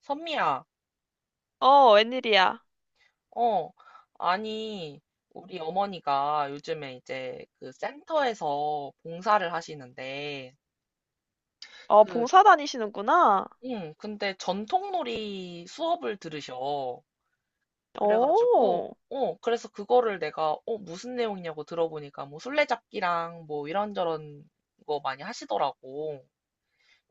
선미야, 어, 웬일이야? 어, 아니, 우리 어머니가 요즘에 이제 그 센터에서 봉사를 하시는데, 어, 그, 봉사 다니시는구나. 응, 근데 전통놀이 수업을 들으셔. 그래가지고, 오, 그래서 그거를 내가, 무슨 내용이냐고 들어보니까 뭐 술래잡기랑 뭐 이런저런 거 많이 하시더라고.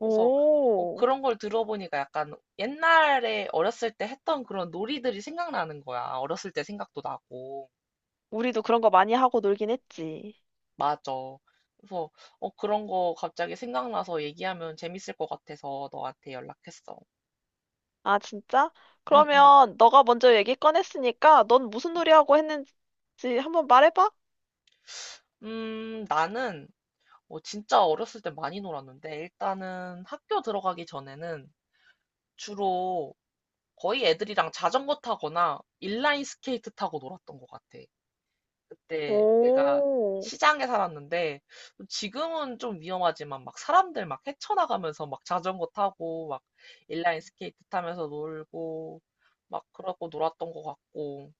그래서, 그런 걸 들어보니까 약간 옛날에 어렸을 때 했던 그런 놀이들이 생각나는 거야. 어렸을 때 생각도 나고. 우리도 그런 거 많이 하고 놀긴 했지. 맞아. 그래서 그런 거 갑자기 생각나서 얘기하면 재밌을 것 같아서 너한테 연락했어. 아, 진짜? 응, 응. 그러면 너가 먼저 얘기 꺼냈으니까 넌 무슨 놀이 하고 했는지 한번 말해봐. 나는 진짜 어렸을 때 많이 놀았는데 일단은 학교 들어가기 전에는 주로 거의 애들이랑 자전거 타거나 인라인 스케이트 타고 놀았던 것 같아. 그때 내가 오, 시장에 살았는데 지금은 좀 위험하지만 막 사람들 막 헤쳐나가면서 막 자전거 타고 막 인라인 스케이트 타면서 놀고 막 그러고 놀았던 것 같고,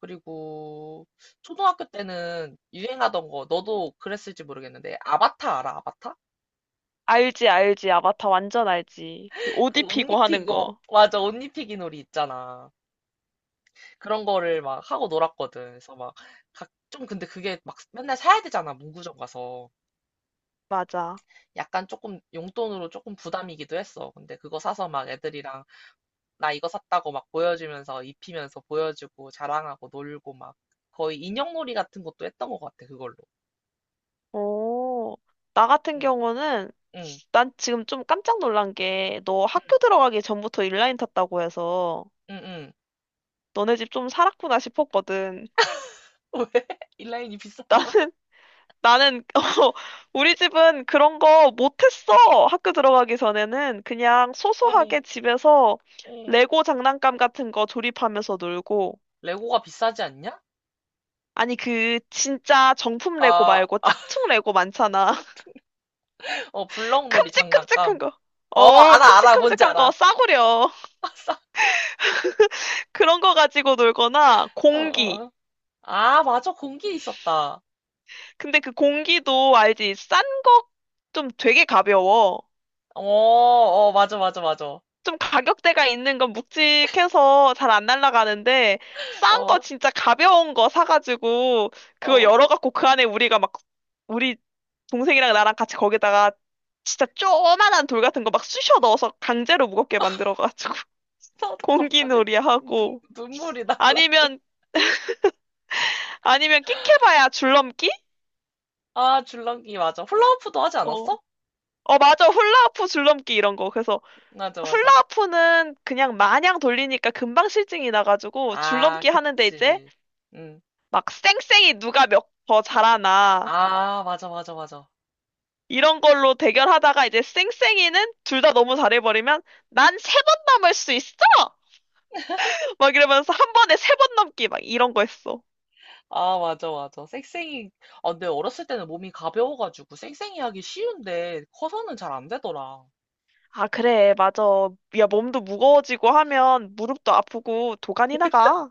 그리고 초등학교 때는 유행하던 거 너도 그랬을지 모르겠는데, 아바타 알아? 아바타? 알지, 알지. 아바타 완전 알지. 그 옷 그옷 입히고 하는 입히고, 거. 맞아, 옷 입히기 놀이 있잖아. 그런 거를 막 하고 놀았거든. 그래서 막 각 좀, 근데 그게 막 맨날 사야 되잖아. 문구점 가서 맞아. 약간 조금 용돈으로 조금 부담이기도 했어. 근데 그거 사서 막 애들이랑 나 이거 샀다고 막 보여주면서 입히면서 보여주고 자랑하고 놀고 막 거의 인형놀이 같은 것도 했던 것 같아, 그걸로. 오, 나 같은 응, 경우는 응, 난 지금 좀 깜짝 놀란 게 너 응, 학교 들어가기 전부터 인라인 탔다고 해서 응, 응. 너네 집 좀 살았구나 싶었거든. 왜? 인라인이 나, 비쌌나? 나는, 어, 우리 집은 그런 거 못했어. 학교 들어가기 전에는 그냥 소소하게 어, 집에서 어. 레고 장난감 같은 거 조립하면서 놀고. 레고가 비싸지 않냐? 아니, 그, 진짜 정품 레고 아, 말고 아, 짝퉁 레고 많잖아. 어, 블럭놀이 큼직큼직한 장난감. 거. 어, 어, 알아, 알아, 뭔지 큼직큼직한 거 알아. 싸구려. 그런 거 가지고 놀거나 어, 공기. 어. 아, 맞아, 공기 있었다. 근데 그 공기도 알지? 싼 거 좀 되게 가벼워. 어, 어, 맞아, 맞아, 맞아. 좀 가격대가 있는 건 묵직해서 잘 안 날아가는데 싼 거 어, 진짜 가벼운 거 사가지고 그거 어. 열어갖고 그 안에 우리가 막 우리 동생이랑 나랑 같이 거기다가 진짜 쪼만한 돌 같은 거 막 쑤셔 넣어서 강제로 무겁게 만들어가지고 나도 갑자기 공기놀이 하고 눈물이 날라. 아니면 아니면 끽해봐야 줄넘기? 아, 줄넘기 맞아. 훌라후프도 하지 어. 않았어? 어, 맞아. 훌라후프 줄넘기 이런 거. 그래서 맞아, 맞아. 훌라후프는 그냥 마냥 돌리니까 금방 실증이 나가지고 아, 줄넘기 하는데 이제 그치. 응. 막 쌩쌩이 누가 몇 더 잘하나 아, 맞아, 맞아, 맞아. 이런 걸로 대결하다가 이제 쌩쌩이는 둘 다 너무 잘해버리면 난 세 번 넘을 수 있어! 막 이러면서 한 번에 세 번 넘기 막 이런 거 했어. 아, 맞아, 맞아. 쌩쌩이. 아, 근데 어렸을 때는 몸이 가벼워가지고 쌩쌩이 하기 쉬운데 커서는 잘 안 되더라. 아, 그래, 맞아. 야, 몸도 무거워지고 하면 무릎도 아프고 도가니 나가.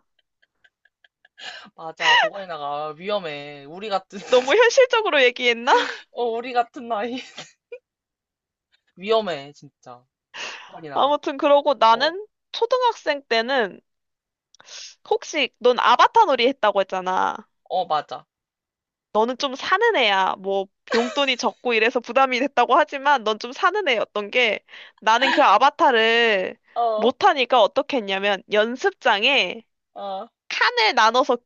맞아, 도가니나가, 아, 위험해. 우리 같은, 너무 현실적으로 얘기했나? 어, 우리 같은 나이. 위험해, 진짜. 도가니나가. 아무튼 그러고 어, 나는 초등학생 때는 혹시 넌 아바타 놀이 했다고 했잖아. 어, 맞아. 너는 좀 사는 애야. 뭐 용돈이 적고 이래서 부담이 됐다고 하지만 넌 좀 사는 애였던 게 나는 그 아바타를 어, 어, 못하니까 어떻게 했냐면 연습장에 어, 칸을 나눠서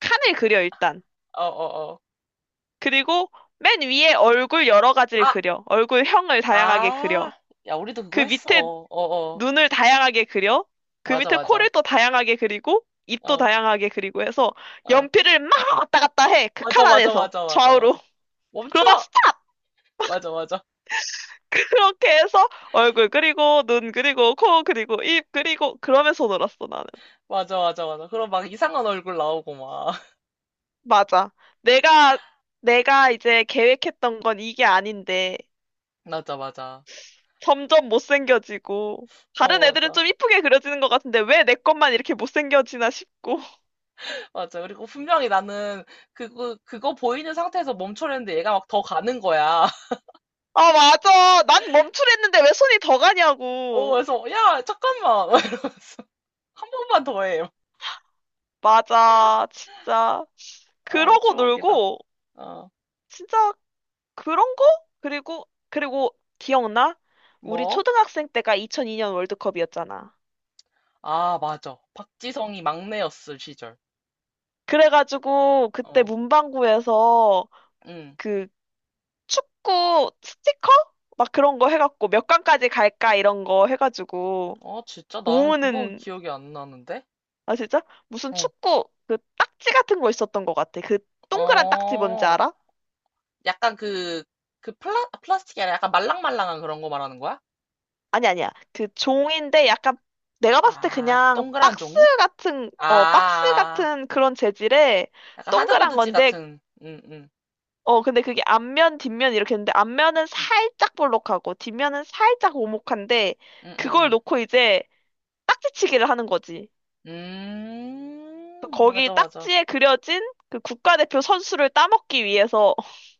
칸을 그려 일단. 어, 어. 그리고 맨 위에 얼굴 여러 가지를 아, 그려. 얼굴형을 다양하게 그려. 아, 야, 우리도 그거 그 했어. 밑에 어어. 눈을 다양하게 그려. 그 맞아, 밑에 맞아. 코를 또 다양하게 그리고 입도 어, 다양하게 그리고 해서 어. 연필을 막 왔다 갔다 해. 그 맞아, 칸 맞아, 안에서 맞아, 맞아, 좌우로. 맞아. 멈춰! 그러다 맞아, 맞아. 그렇게 해서 얼굴 그리고 눈 그리고 코 그리고 입 그리고 그러면서 놀았어 나는. 맞아, 맞아, 맞아. 그럼 막 이상한 얼굴 나오고 막. 맞아. 내가 내가 이제 계획했던 건 이게 아닌데 맞아, 맞아. 점점 못생겨지고 다른 어, 애들은 맞아. 좀 이쁘게 그려지는 것 같은데 왜 내 것만 이렇게 못생겨지나 싶고. 맞아. 그리고 분명히 나는 그거 보이는 상태에서 멈춰려는데 얘가 막 더 가는 거야. 아 맞아. 난 멈추랬는데 왜 손이 더 어, 가냐고. 그래서, 야, 잠깐만. 막 이러면서. 한 번만 더 해. 맞아. 진짜. 아, 그러고 추억이다. 놀고 어, 진짜 그런 거? 그리고 기억나? 우리 뭐? 초등학생 때가 2002년 월드컵이었잖아. 아, 맞아. 박지성이 막내였을 시절. 그래가지고 그때 어, 문방구에서 응. 그 축구 스티커? 막 그런 거 해갖고 몇 강까지 갈까 이런 거 해가지고 아, 진짜? 나는 그건 모으는, 기억이 안 나는데? 아 진짜? 무슨 어, 축구 그 딱지 같은 거 있었던 것 같아. 그 동그란 딱지 뭔지 어, 알아? 약간 그 플라스틱이 아니라 약간 말랑말랑한 그런 거 말하는 거야? 아니 아니야. 그 종인데 약간 내가 봤을 때 아, 그냥 동그란 박스 종이? 같은 어 박스 아, 같은 그런 재질의 약간 동그란 하드보드지 건데 같은, 응, 응, 어 근데 그게 앞면 뒷면 이렇게 있는데 앞면은 살짝 볼록하고 뒷면은 살짝 오목한데 응, 응, 그걸 응. 놓고 이제 딱지치기를 하는 거지. 그 거기 맞아, 맞아. 딱지에 그려진 그 국가대표 선수를 따먹기 위해서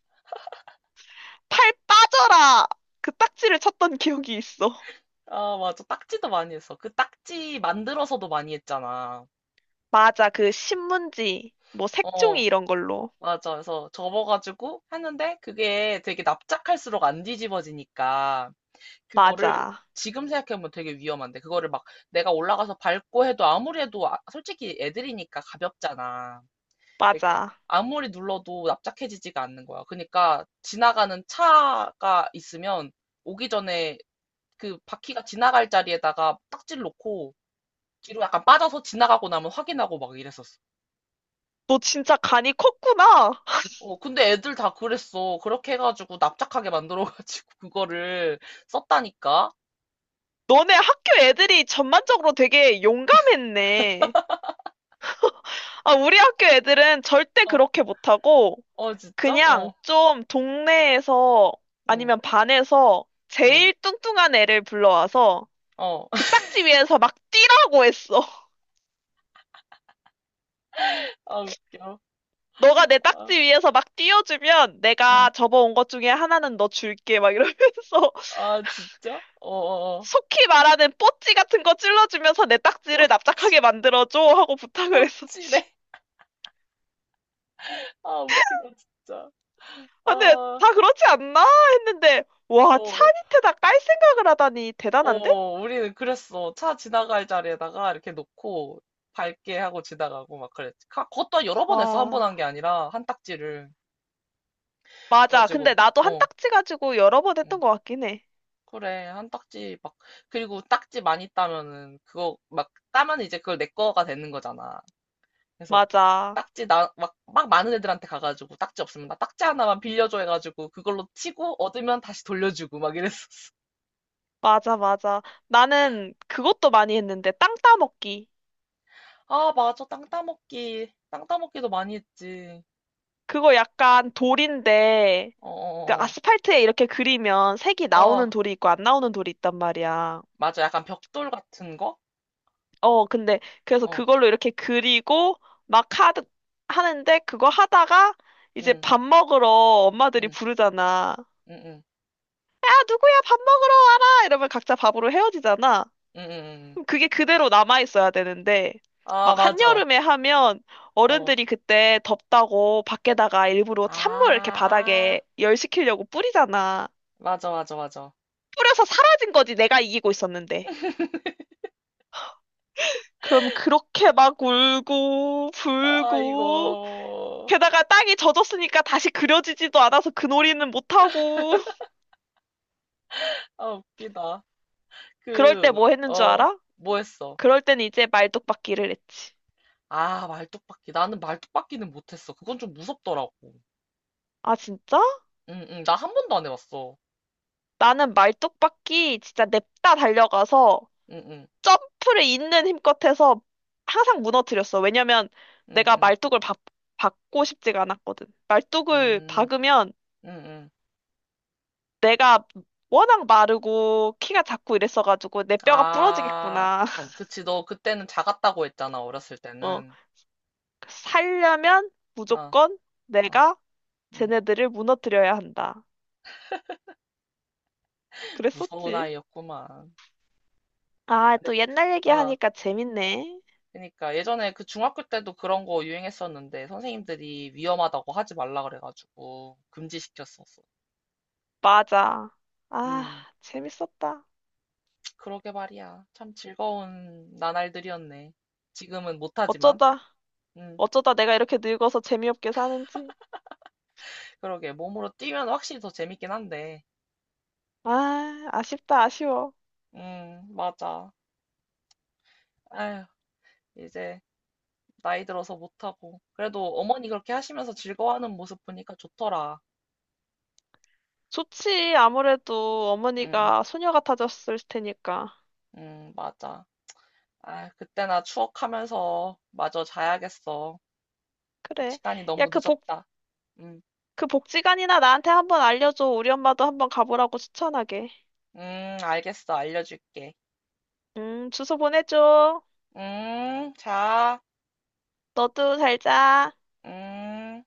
팔 빠져라 그 딱지를 쳤던 기억이 있어. 아, 맞아. 딱지도 많이 했어. 그 딱지 만들어서도 많이 했잖아. 맞아. 그 신문지 뭐 색종이 어, 이런 걸로. 맞아. 그래서 접어가지고 했는데 그게 되게 납작할수록 안 뒤집어지니까. 그거를 맞아. 지금 생각해보면 되게 위험한데 그거를 막 내가 올라가서 밟고 해도 아무리 해도 솔직히 애들이니까 가볍잖아. 그러니까 맞아. 아무리 눌러도 납작해지지가 않는 거야. 그러니까 지나가는 차가 있으면 오기 전에 그 바퀴가 지나갈 자리에다가 딱지를 놓고 뒤로 약간 빠져서 지나가고 나면 확인하고 막 이랬었어. 너 진짜 간이 컸구나. 어, 근데 애들 다 그랬어. 그렇게 해가지고 납작하게 만들어가지고 그거를 썼다니까. 너네 학교 애들이 전반적으로 되게 용감했네. 아, 우리 학교 애들은 절대 어, 그렇게 못하고, 어, 진짜? 그냥 어, 좀 동네에서 응, 아니면 반에서 응, 제일 뚱뚱한 애를 불러와서 어. 그 딱지 위에서 막 뛰라고 했어. 아, 웃겨. 너가 내 아, 딱지 위에서 막 뛰어주면 응. 내가 접어온 것 중에 하나는 너 줄게. 막 이러면서. 아, 진짜? 어어어. 속히 말하는 뽀찌 같은 거 찔러주면서 내 딱지를 뽀찌, 납작하게 만들어줘 하고 부탁을 했었지. 뽀찌래. 아, 웃기다, 진짜. 아, 근데 아, 다 그렇지 않나 했는데 와, 찬 어, 이트다 깔 생각을 하다니 대단한데? 어, 우리는 그랬어. 차 지나갈 자리에다가 이렇게 놓고 밟게 하고 지나가고 막 그랬지. 그것도 여러 번 했어. 한 번 와, 한게 아니라, 한 딱지를. 맞아. 근데 그래가지고, 나도 한 어, 딱지 가지고 여러 번 응. 했던 것 같긴 해. 그래, 한 딱지 막, 그리고 딱지 많이 따면은, 그거 막 따면 이제 그걸 내 거가 되는 거잖아. 맞아. 딱지 나, 막, 막 많은 애들한테 가가지고 딱지 없으면 나 딱지 하나만 빌려줘 해가지고 그걸로 치고 얻으면 다시 돌려주고 막 이랬었어. 맞아. 나는 그것도 많이 했는데 땅 따먹기. 아, 맞아. 땅 따먹기. 땅 따먹기도 많이 했지. 그거 약간 돌인데 그 어어어, 아스팔트에 이렇게 그리면 색이 어, 어, 어. 나오는 어, 돌이 있고 안 나오는 돌이 있단 말이야. 맞아. 약간 벽돌 같은 거? 어, 근데 그래서 어, 그걸로 이렇게 그리고 막 하는데 그거 하다가 이제 응, 밥 먹으러 엄마들이 응, 부르잖아. 응, 응, 야, 누구야 밥 먹으러 와라! 이러면 각자 밥으로 헤어지잖아. 응, 응. 응. 응. 그럼 그게 그대로 남아있어야 되는데 아, 막 맞아. 한여름에 하면 어. 어른들이 그때 덥다고 밖에다가 일부러 찬물 이렇게 아, 바닥에 열시키려고 뿌리잖아. 맞아, 맞아, 맞아. 뿌려서 사라진 거지 내가 이기고 있었는데. 그럼 그렇게 막 울고 아, 이거. 불고 게다가 땅이 젖었으니까 다시 그려지지도 않아서 그 놀이는 못하고. 아, 웃기다. 그럴 때 그, 뭐 했는 줄 어, 알아? 뭐 했어? 그럴 땐 이제 말뚝박기를 했지. 아, 말뚝박기. 나는 말뚝박기는 못했어. 그건 좀 무섭더라고. 아, 진짜? 응, 응. 나 한 번도 안 해봤어. 나는 말뚝박기 진짜 냅다 달려가서 응, 응, 점프를 있는 힘껏 해서 항상 무너뜨렸어. 왜냐면 응, 내가 응, 말뚝을 박, 박고 싶지가 않았거든. 말뚝을 응, 박으면 응, 응. 내가 워낙 마르고 키가 작고 이랬어가지고 내 뼈가 아, 부러지겠구나. 그치. 너 그때는 작았다고 했잖아. 어렸을 어, 때는. 살려면 아, 무조건 어, 내가 응. 쟤네들을 무너뜨려야 한다. 무서운 그랬었지. 아이였구만. 아, 근데, 또 옛날 아, 얘기하니까 재밌네. 그러니까 예전에 그 중학교 때도 그런 거 유행했었는데 선생님들이 위험하다고 하지 말라 그래가지고 금지시켰었어. 맞아. 아, 음, 재밌었다. 그러게 말이야. 참 즐거운 나날들이었네. 지금은 못하지만. 어쩌다, 음, 어쩌다 내가 이렇게 늙어서 재미없게 사는지. 그러게. 몸으로 뛰면 확실히 더 재밌긴 한데. 아, 아쉽다, 아쉬워. 맞아. 아휴, 이제 나이 들어서 못하고. 그래도 어머니 그렇게 하시면서 즐거워하는 모습 보니까 좋더라. 좋지. 아무래도 음, 어머니가 소녀 같아졌을 테니까. 맞아. 아, 그때나 추억하면서 마저 자야겠어. 그래. 시간이 야, 너무 그 복, 늦었다. 음, 그 복지관이나 나한테 한번 알려줘. 우리 엄마도 한번 가보라고 추천하게. 알겠어. 알려줄게. 주소 보내줘. 자, 너도 잘 자. 음.